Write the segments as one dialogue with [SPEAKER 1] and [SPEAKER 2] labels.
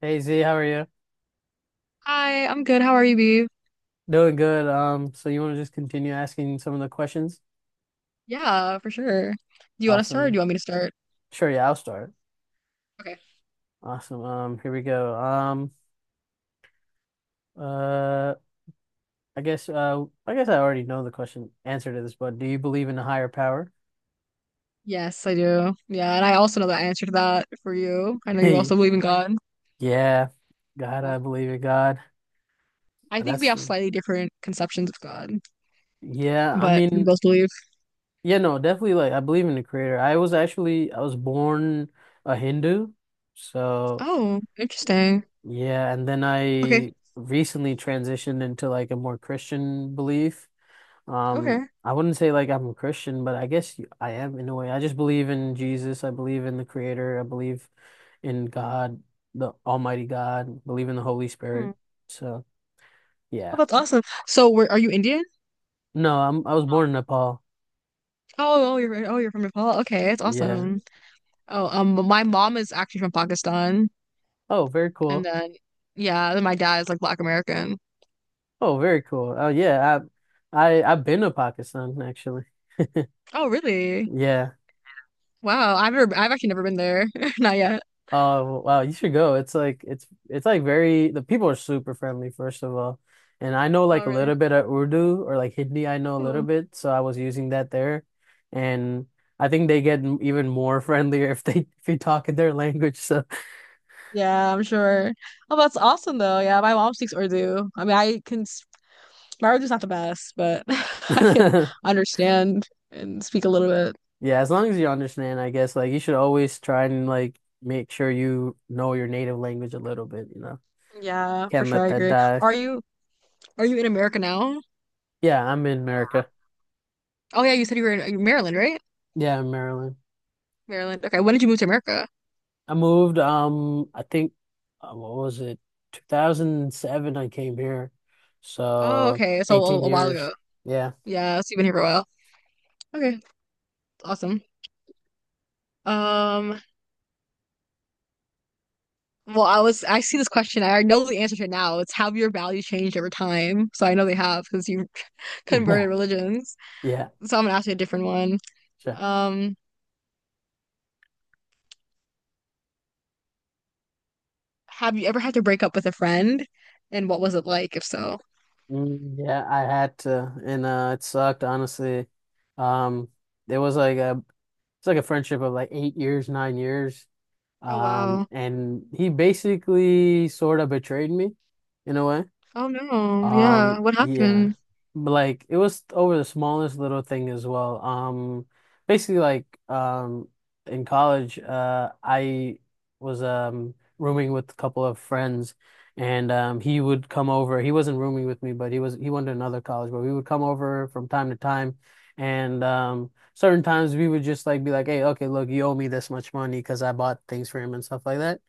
[SPEAKER 1] Hey Z, how are you?
[SPEAKER 2] Hi, I'm good. How are you, Bee?
[SPEAKER 1] Doing good. So you want to just continue asking some of the questions?
[SPEAKER 2] Yeah, for sure. Do you want to start or do
[SPEAKER 1] Awesome.
[SPEAKER 2] you want me to start?
[SPEAKER 1] Sure, yeah, I'll start.
[SPEAKER 2] Okay.
[SPEAKER 1] Awesome. Here we go. Uh, I guess I guess I already know the question answer to this, but do you believe in a higher power?
[SPEAKER 2] Yes, I do. Yeah, and I also know the answer to that for you. I know you
[SPEAKER 1] Hey,
[SPEAKER 2] also believe in God.
[SPEAKER 1] yeah. God,
[SPEAKER 2] Yeah.
[SPEAKER 1] I believe in God.
[SPEAKER 2] I think we
[SPEAKER 1] That's
[SPEAKER 2] have
[SPEAKER 1] the
[SPEAKER 2] slightly different conceptions of God,
[SPEAKER 1] yeah, I
[SPEAKER 2] but we
[SPEAKER 1] mean,
[SPEAKER 2] both believe.
[SPEAKER 1] yeah, no, definitely like I believe in the creator. I was born a Hindu, so.
[SPEAKER 2] Oh, interesting.
[SPEAKER 1] Yeah, and then
[SPEAKER 2] Okay.
[SPEAKER 1] I recently transitioned into like a more Christian belief.
[SPEAKER 2] Okay.
[SPEAKER 1] I wouldn't say like I'm a Christian, but I guess I am in a way. I just believe in Jesus. I believe in the Creator. I believe in God, the Almighty God. Believe in the Holy
[SPEAKER 2] Hmm.
[SPEAKER 1] Spirit. So
[SPEAKER 2] Oh,
[SPEAKER 1] yeah.
[SPEAKER 2] that's awesome. So, where are you Indian?
[SPEAKER 1] No, I'm I was born in Nepal.
[SPEAKER 2] Oh, oh, you're from Nepal. Okay, that's
[SPEAKER 1] Yeah.
[SPEAKER 2] awesome. Oh, my mom is actually from Pakistan,
[SPEAKER 1] Oh, very
[SPEAKER 2] and
[SPEAKER 1] cool.
[SPEAKER 2] then yeah, then my dad is like Black American.
[SPEAKER 1] Oh, very cool. Oh yeah. I've been to Pakistan actually.
[SPEAKER 2] Oh, really?
[SPEAKER 1] Yeah.
[SPEAKER 2] Wow, I've actually never been there. Not yet.
[SPEAKER 1] Oh wow, you should go. It's like very the people are super friendly first of all. And I know like
[SPEAKER 2] Oh,
[SPEAKER 1] a little
[SPEAKER 2] really?
[SPEAKER 1] bit of Urdu or like Hindi, I know a little
[SPEAKER 2] Oh.
[SPEAKER 1] bit, so I was using that there. And I think they get even more friendlier if you talk in their language. So
[SPEAKER 2] Yeah, I'm sure. Oh, that's awesome though. Yeah, my mom speaks Urdu. I mean, I can, my Urdu's not the best, but I can
[SPEAKER 1] yeah,
[SPEAKER 2] understand and speak a little bit.
[SPEAKER 1] as long as you understand, I guess like you should always try and like make sure you know your native language a little bit, you know.
[SPEAKER 2] Yeah, for
[SPEAKER 1] Can't
[SPEAKER 2] sure.
[SPEAKER 1] let
[SPEAKER 2] I
[SPEAKER 1] that
[SPEAKER 2] agree.
[SPEAKER 1] die.
[SPEAKER 2] Are you, are you in America now?
[SPEAKER 1] Yeah, I'm in America.
[SPEAKER 2] Oh yeah, you said you were in Maryland, right?
[SPEAKER 1] Yeah, I Maryland.
[SPEAKER 2] Maryland. Okay, when did you move to America?
[SPEAKER 1] I moved, I think, what was it? 2007 I came here.
[SPEAKER 2] Oh,
[SPEAKER 1] So
[SPEAKER 2] okay. So
[SPEAKER 1] 18
[SPEAKER 2] a while
[SPEAKER 1] years.
[SPEAKER 2] ago.
[SPEAKER 1] Yeah.
[SPEAKER 2] Yeah, so you've been here for a while. Okay, awesome. Um, Well, I see this question. I know the answer to it now. It's have your values changed over time? So I know they have because you converted
[SPEAKER 1] Yeah.
[SPEAKER 2] religions.
[SPEAKER 1] Yeah.
[SPEAKER 2] So I'm gonna ask you a different one.
[SPEAKER 1] Sure.
[SPEAKER 2] Um, have you ever had to break up with a friend, and what was it like, if so?
[SPEAKER 1] Mm, yeah, I had to and it sucked honestly. Um it was like a it's like a friendship of like 8 years, 9 years.
[SPEAKER 2] Oh wow.
[SPEAKER 1] And he basically sort of betrayed me in a way.
[SPEAKER 2] Oh no. Yeah.
[SPEAKER 1] Um,
[SPEAKER 2] What
[SPEAKER 1] yeah.
[SPEAKER 2] happened?
[SPEAKER 1] But like it was over the smallest little thing as well. Basically like in college, I was rooming with a couple of friends and he would come over. He wasn't rooming with me, but he went to another college, but we would come over from time to time and certain times we would just like be like, "Hey, okay, look, you owe me this much money because I bought things for him and stuff like that."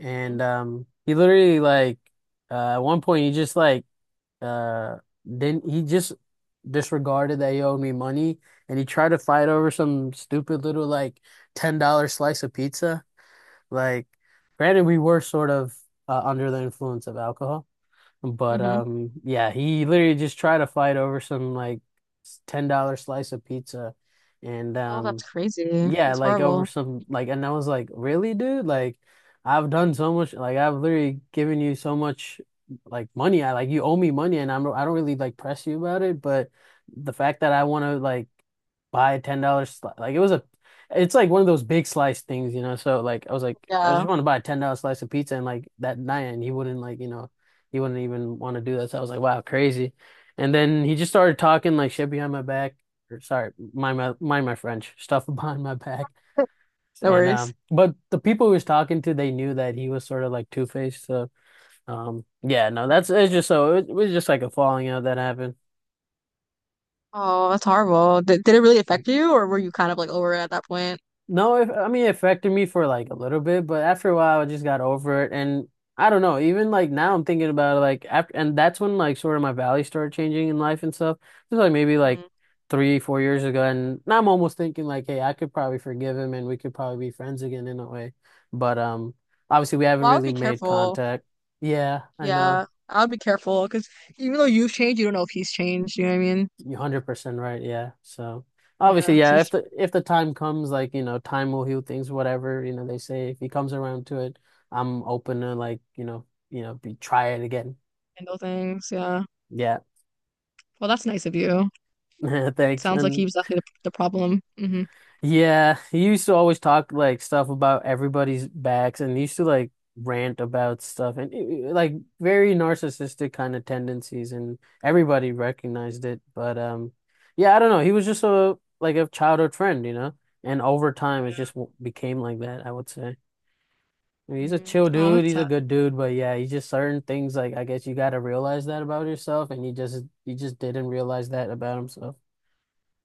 [SPEAKER 1] And he literally like at one point, uh, he just disregarded that he owed me money, and he tried to fight over some stupid little like $10 slice of pizza. Like, granted, we were sort of under the influence of alcohol, but
[SPEAKER 2] Mm-hmm.
[SPEAKER 1] yeah, he literally just tried to fight over some like $10 slice of pizza, and
[SPEAKER 2] Oh, that's
[SPEAKER 1] um.
[SPEAKER 2] crazy.
[SPEAKER 1] Yeah,
[SPEAKER 2] That's
[SPEAKER 1] like over
[SPEAKER 2] horrible.
[SPEAKER 1] some like and I was like, "Really, dude? Like I've done so much like I've literally given you so much like money. I like you owe me money and I don't really like press you about it, but the fact that I want to like buy a $10 slice like it was a it's like one of those big slice things, you know. So like I was like I just
[SPEAKER 2] Yeah.
[SPEAKER 1] want to buy a $10 slice of pizza and like that night and he wouldn't like, you know, he wouldn't even want to do that. So I was like, "Wow, crazy." And then he just started talking like shit behind my back or sorry, mind my French stuff behind my back.
[SPEAKER 2] No
[SPEAKER 1] And
[SPEAKER 2] worries.
[SPEAKER 1] but the people he was talking to, they knew that he was sort of like Two-Faced. So yeah, no, that's it's just so it was just like a falling out that happened.
[SPEAKER 2] Oh, that's horrible. Did it really affect you, or were you kind of like over it at that point?
[SPEAKER 1] No, it, I mean, it affected me for like a little bit, but after a while, I just got over it. And I don't know, even like now I'm thinking about it, like after, and that's when like sort of my values started changing in life and stuff. It was like maybe like
[SPEAKER 2] Mm.
[SPEAKER 1] three, four years ago. And now I'm almost thinking like, hey, I could probably forgive him and we could probably be friends again in a way. But obviously we haven't
[SPEAKER 2] Well, I would
[SPEAKER 1] really
[SPEAKER 2] be
[SPEAKER 1] made
[SPEAKER 2] careful.
[SPEAKER 1] contact. Yeah, I know.
[SPEAKER 2] Yeah, I'll be careful because even though you've changed, you don't know if he's changed. You know what I mean?
[SPEAKER 1] You're 100% right. Yeah. So obviously,
[SPEAKER 2] Yeah, so
[SPEAKER 1] yeah,
[SPEAKER 2] just
[SPEAKER 1] if the time comes, like, you know, time will heal things, whatever, you know, they say if he comes around to it, I'm open to like, you know, be try it again.
[SPEAKER 2] handle things. Yeah.
[SPEAKER 1] Yeah.
[SPEAKER 2] Well, that's nice of you.
[SPEAKER 1] Thanks.
[SPEAKER 2] Sounds like he
[SPEAKER 1] And
[SPEAKER 2] was definitely the problem. Mm-hmm.
[SPEAKER 1] yeah, he used to always talk like stuff about everybody's backs and used to like rant about stuff and like very narcissistic kind of tendencies and everybody recognized it. But yeah, I don't know. He was just a like a childhood friend, you know? And over time it just
[SPEAKER 2] Yeah.
[SPEAKER 1] became like that, I would say. I mean, he's a
[SPEAKER 2] Mm.
[SPEAKER 1] chill
[SPEAKER 2] Oh,
[SPEAKER 1] dude,
[SPEAKER 2] that's
[SPEAKER 1] he's a
[SPEAKER 2] sad.
[SPEAKER 1] good dude, but yeah, he's just certain things like I guess you got to realize that about yourself and he just didn't realize that about himself.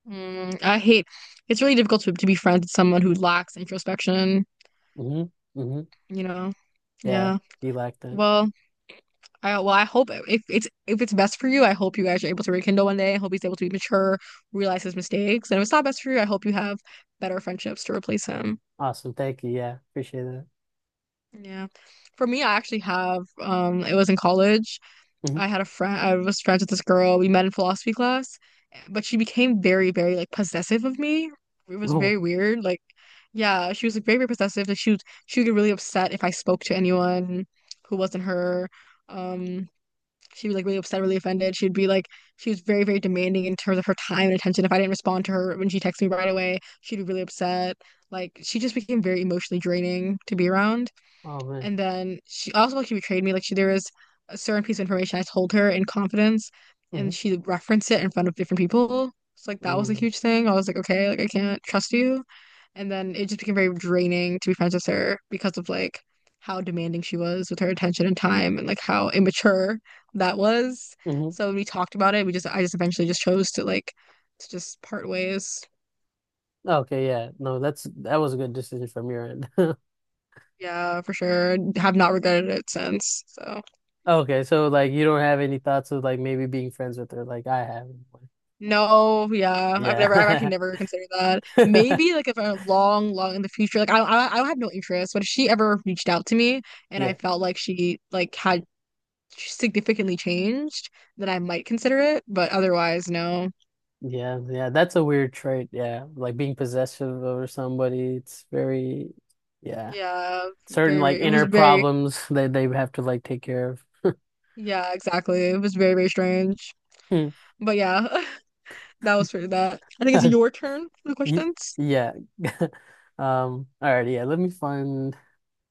[SPEAKER 2] Mm. I hate. It's really difficult to be friends with someone who lacks introspection.
[SPEAKER 1] Mhm. Mhm.
[SPEAKER 2] You know?
[SPEAKER 1] Yeah,
[SPEAKER 2] Yeah.
[SPEAKER 1] he lacked that.
[SPEAKER 2] Well, well, I hope if it's best for you, I hope you guys are able to rekindle one day. I hope he's able to be mature, realize his mistakes, and if it's not best for you, I hope you have better friendships to replace him.
[SPEAKER 1] Awesome. Thank you. Yeah, appreciate that.
[SPEAKER 2] Yeah. For me, I actually have, it was in college.
[SPEAKER 1] Hmm.
[SPEAKER 2] I had a friend, I was friends with this girl. We met in philosophy class, but she became very, very like possessive of me. It was
[SPEAKER 1] Oh,
[SPEAKER 2] very weird. Like, yeah, she was like, very, very possessive. Like she would get really upset if I spoke to anyone who wasn't her. Um, she was like really upset, really offended. She was very, very demanding in terms of her time and attention. If I didn't respond to her when she texted me right away, she'd be really upset. Like, she just became very emotionally draining to be around.
[SPEAKER 1] oh man.
[SPEAKER 2] And then she also like she betrayed me. Like she there was a certain piece of information I told her in confidence and
[SPEAKER 1] Hmm.
[SPEAKER 2] she referenced it in front of different people. So like that was a
[SPEAKER 1] Mm.
[SPEAKER 2] huge thing. I was like, okay, like I can't trust you. And then it just became very draining to be friends with her because of like how demanding she was with her attention and time and like how immature that was.
[SPEAKER 1] Hmm.
[SPEAKER 2] So when we talked about it, we just I just eventually just chose to like to just part ways.
[SPEAKER 1] Okay, yeah. No, that's that was a good decision from your end.
[SPEAKER 2] Yeah, for sure. Have not regretted it since. So
[SPEAKER 1] Okay, so like you don't have any thoughts of like maybe being friends with her like I have.
[SPEAKER 2] no, yeah, I've actually
[SPEAKER 1] Yeah.
[SPEAKER 2] never considered that. Maybe like if I'm long, long in the future, like I have no interest. But if she ever reached out to me and I
[SPEAKER 1] Yeah.
[SPEAKER 2] felt like she like had significantly changed, then I might consider it. But otherwise, no.
[SPEAKER 1] Yeah, yeah, that's a weird trait. Yeah, like being possessive over somebody, it's very, yeah,
[SPEAKER 2] Yeah,
[SPEAKER 1] certain
[SPEAKER 2] very,
[SPEAKER 1] like
[SPEAKER 2] very. It was
[SPEAKER 1] inner
[SPEAKER 2] very,
[SPEAKER 1] problems that they have to like take care of.
[SPEAKER 2] yeah, exactly. It was very, very strange.
[SPEAKER 1] Hmm.
[SPEAKER 2] But yeah, that was for that. I think it's your turn for the
[SPEAKER 1] Y-
[SPEAKER 2] questions.
[SPEAKER 1] Yeah. All right, yeah, let me find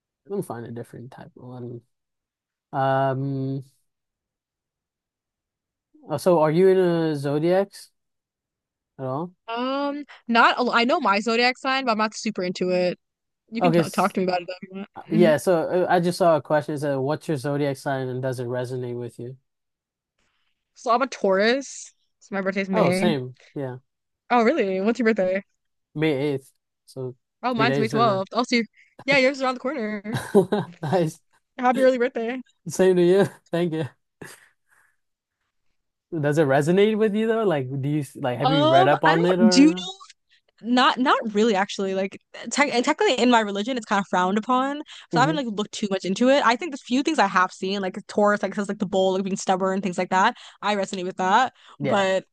[SPEAKER 1] I'm gonna find a different type of one. Um. Oh, So, are you in a zodiacs at all?
[SPEAKER 2] Not. I know my zodiac sign, but I'm not super into it. You can
[SPEAKER 1] Okay.
[SPEAKER 2] t talk to me about it though if you want. Mm-hmm.
[SPEAKER 1] Yeah. So, I just saw a question. It said, "What's your zodiac sign, and does it resonate with you?"
[SPEAKER 2] So I'm a Taurus. So my birthday's
[SPEAKER 1] Oh,
[SPEAKER 2] May.
[SPEAKER 1] same. Yeah.
[SPEAKER 2] Oh, really? What's your birthday?
[SPEAKER 1] May 8th. So,
[SPEAKER 2] Oh,
[SPEAKER 1] three
[SPEAKER 2] mine's May
[SPEAKER 1] days from now.
[SPEAKER 2] 12th. Oh, so you yeah, yours is around the corner.
[SPEAKER 1] Nice.
[SPEAKER 2] Happy early birthday.
[SPEAKER 1] Same to you. Thank you. Does it resonate with you though? Like, do you like have you read up
[SPEAKER 2] I
[SPEAKER 1] on it
[SPEAKER 2] don't do you
[SPEAKER 1] or?
[SPEAKER 2] know not not really actually. Like technically in my religion it's kind of frowned upon. So I
[SPEAKER 1] Mm-hmm.
[SPEAKER 2] haven't like looked too much into it. I think the few things I have seen, like Taurus, like says like the bull, like being stubborn, things like that. I resonate with that.
[SPEAKER 1] Yeah.
[SPEAKER 2] But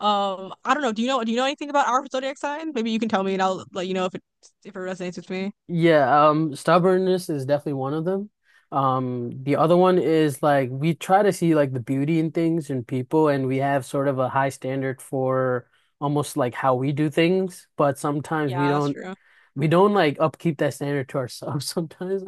[SPEAKER 2] I don't know. Do you know anything about our zodiac sign? Maybe you can tell me and I'll let you know if it resonates with me.
[SPEAKER 1] Yeah, stubbornness is definitely one of them. The other one is like we try to see like the beauty in things and people, and we have sort of a high standard for almost like how we do things, but sometimes
[SPEAKER 2] Yeah, that's true.
[SPEAKER 1] we don't like upkeep that standard to ourselves sometimes.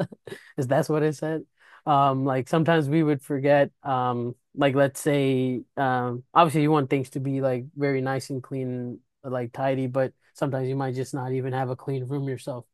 [SPEAKER 1] Is that's what I said? Like sometimes we would forget, like let's say, obviously you want things to be like very nice and clean, like tidy, but sometimes you might just not even have a clean room yourself.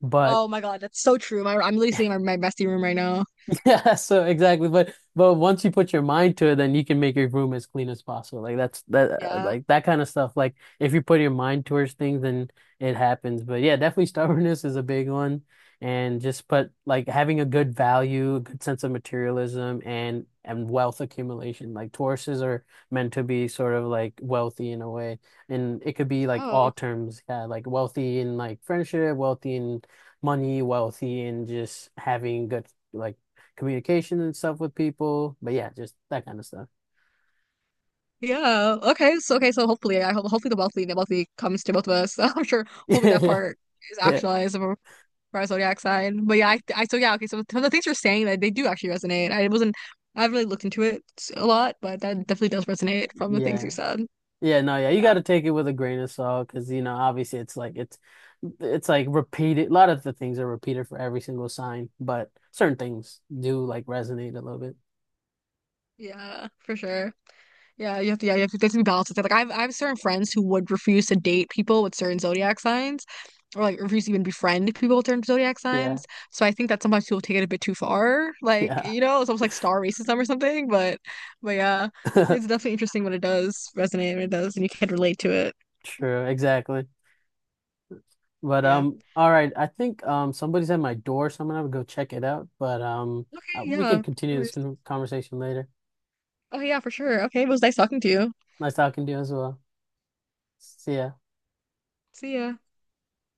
[SPEAKER 1] But
[SPEAKER 2] Oh my God, that's so true. I'm literally sitting in my messy room right now.
[SPEAKER 1] yeah, so exactly. But once you put your mind to it, then you can make your room as clean as possible. Like that's that
[SPEAKER 2] Yeah.
[SPEAKER 1] like that kind of stuff. Like if you put your mind towards things, then it happens. But yeah, definitely stubbornness is a big one. And just put like having a good value, a good sense of materialism and wealth accumulation. Like Tauruses are meant to be sort of like wealthy in a way. And it could be like all
[SPEAKER 2] Oh.
[SPEAKER 1] terms, yeah, like wealthy in like friendship, wealthy in money, wealthy in just having good like communication and stuff with people. But yeah, just that kind of stuff.
[SPEAKER 2] Yeah. Okay. So okay. So hopefully, I hope hopefully the wealthy comes to both of us. I'm sure. Hopefully that
[SPEAKER 1] Yeah.
[SPEAKER 2] part is
[SPEAKER 1] Yeah.
[SPEAKER 2] actualized for our zodiac sign. But yeah, I so yeah. Okay. So some of the things you're saying that they do actually resonate. I wasn't. I haven't really looked into it a lot, but that definitely does resonate from the things
[SPEAKER 1] Yeah.
[SPEAKER 2] you said.
[SPEAKER 1] Yeah, no, yeah, you got
[SPEAKER 2] Yeah.
[SPEAKER 1] to take it with a grain of salt because you know, obviously, it's like repeated. A lot of the things are repeated for every single sign, but certain things do like resonate a little bit.
[SPEAKER 2] Yeah. For sure. Yeah, you have to. Yeah, you have to. There's to be balance with it. Like I have certain friends who would refuse to date people with certain zodiac signs, or like refuse to even befriend people with certain zodiac
[SPEAKER 1] Yeah,
[SPEAKER 2] signs. So I think that sometimes people take it a bit too far. Like
[SPEAKER 1] yeah,
[SPEAKER 2] you know, it's almost like star racism or something. But yeah, it's definitely interesting when it does resonate when it does, and you can relate to it.
[SPEAKER 1] true, exactly. But
[SPEAKER 2] Yeah.
[SPEAKER 1] all right, I think somebody's at my door, so I'm gonna have to go check it out. But
[SPEAKER 2] Okay, yeah.
[SPEAKER 1] we can
[SPEAKER 2] No
[SPEAKER 1] continue this
[SPEAKER 2] worries.
[SPEAKER 1] conversation later.
[SPEAKER 2] Oh yeah, for sure. Okay, it was nice talking to you.
[SPEAKER 1] Nice talking to you as well. See ya.
[SPEAKER 2] See ya.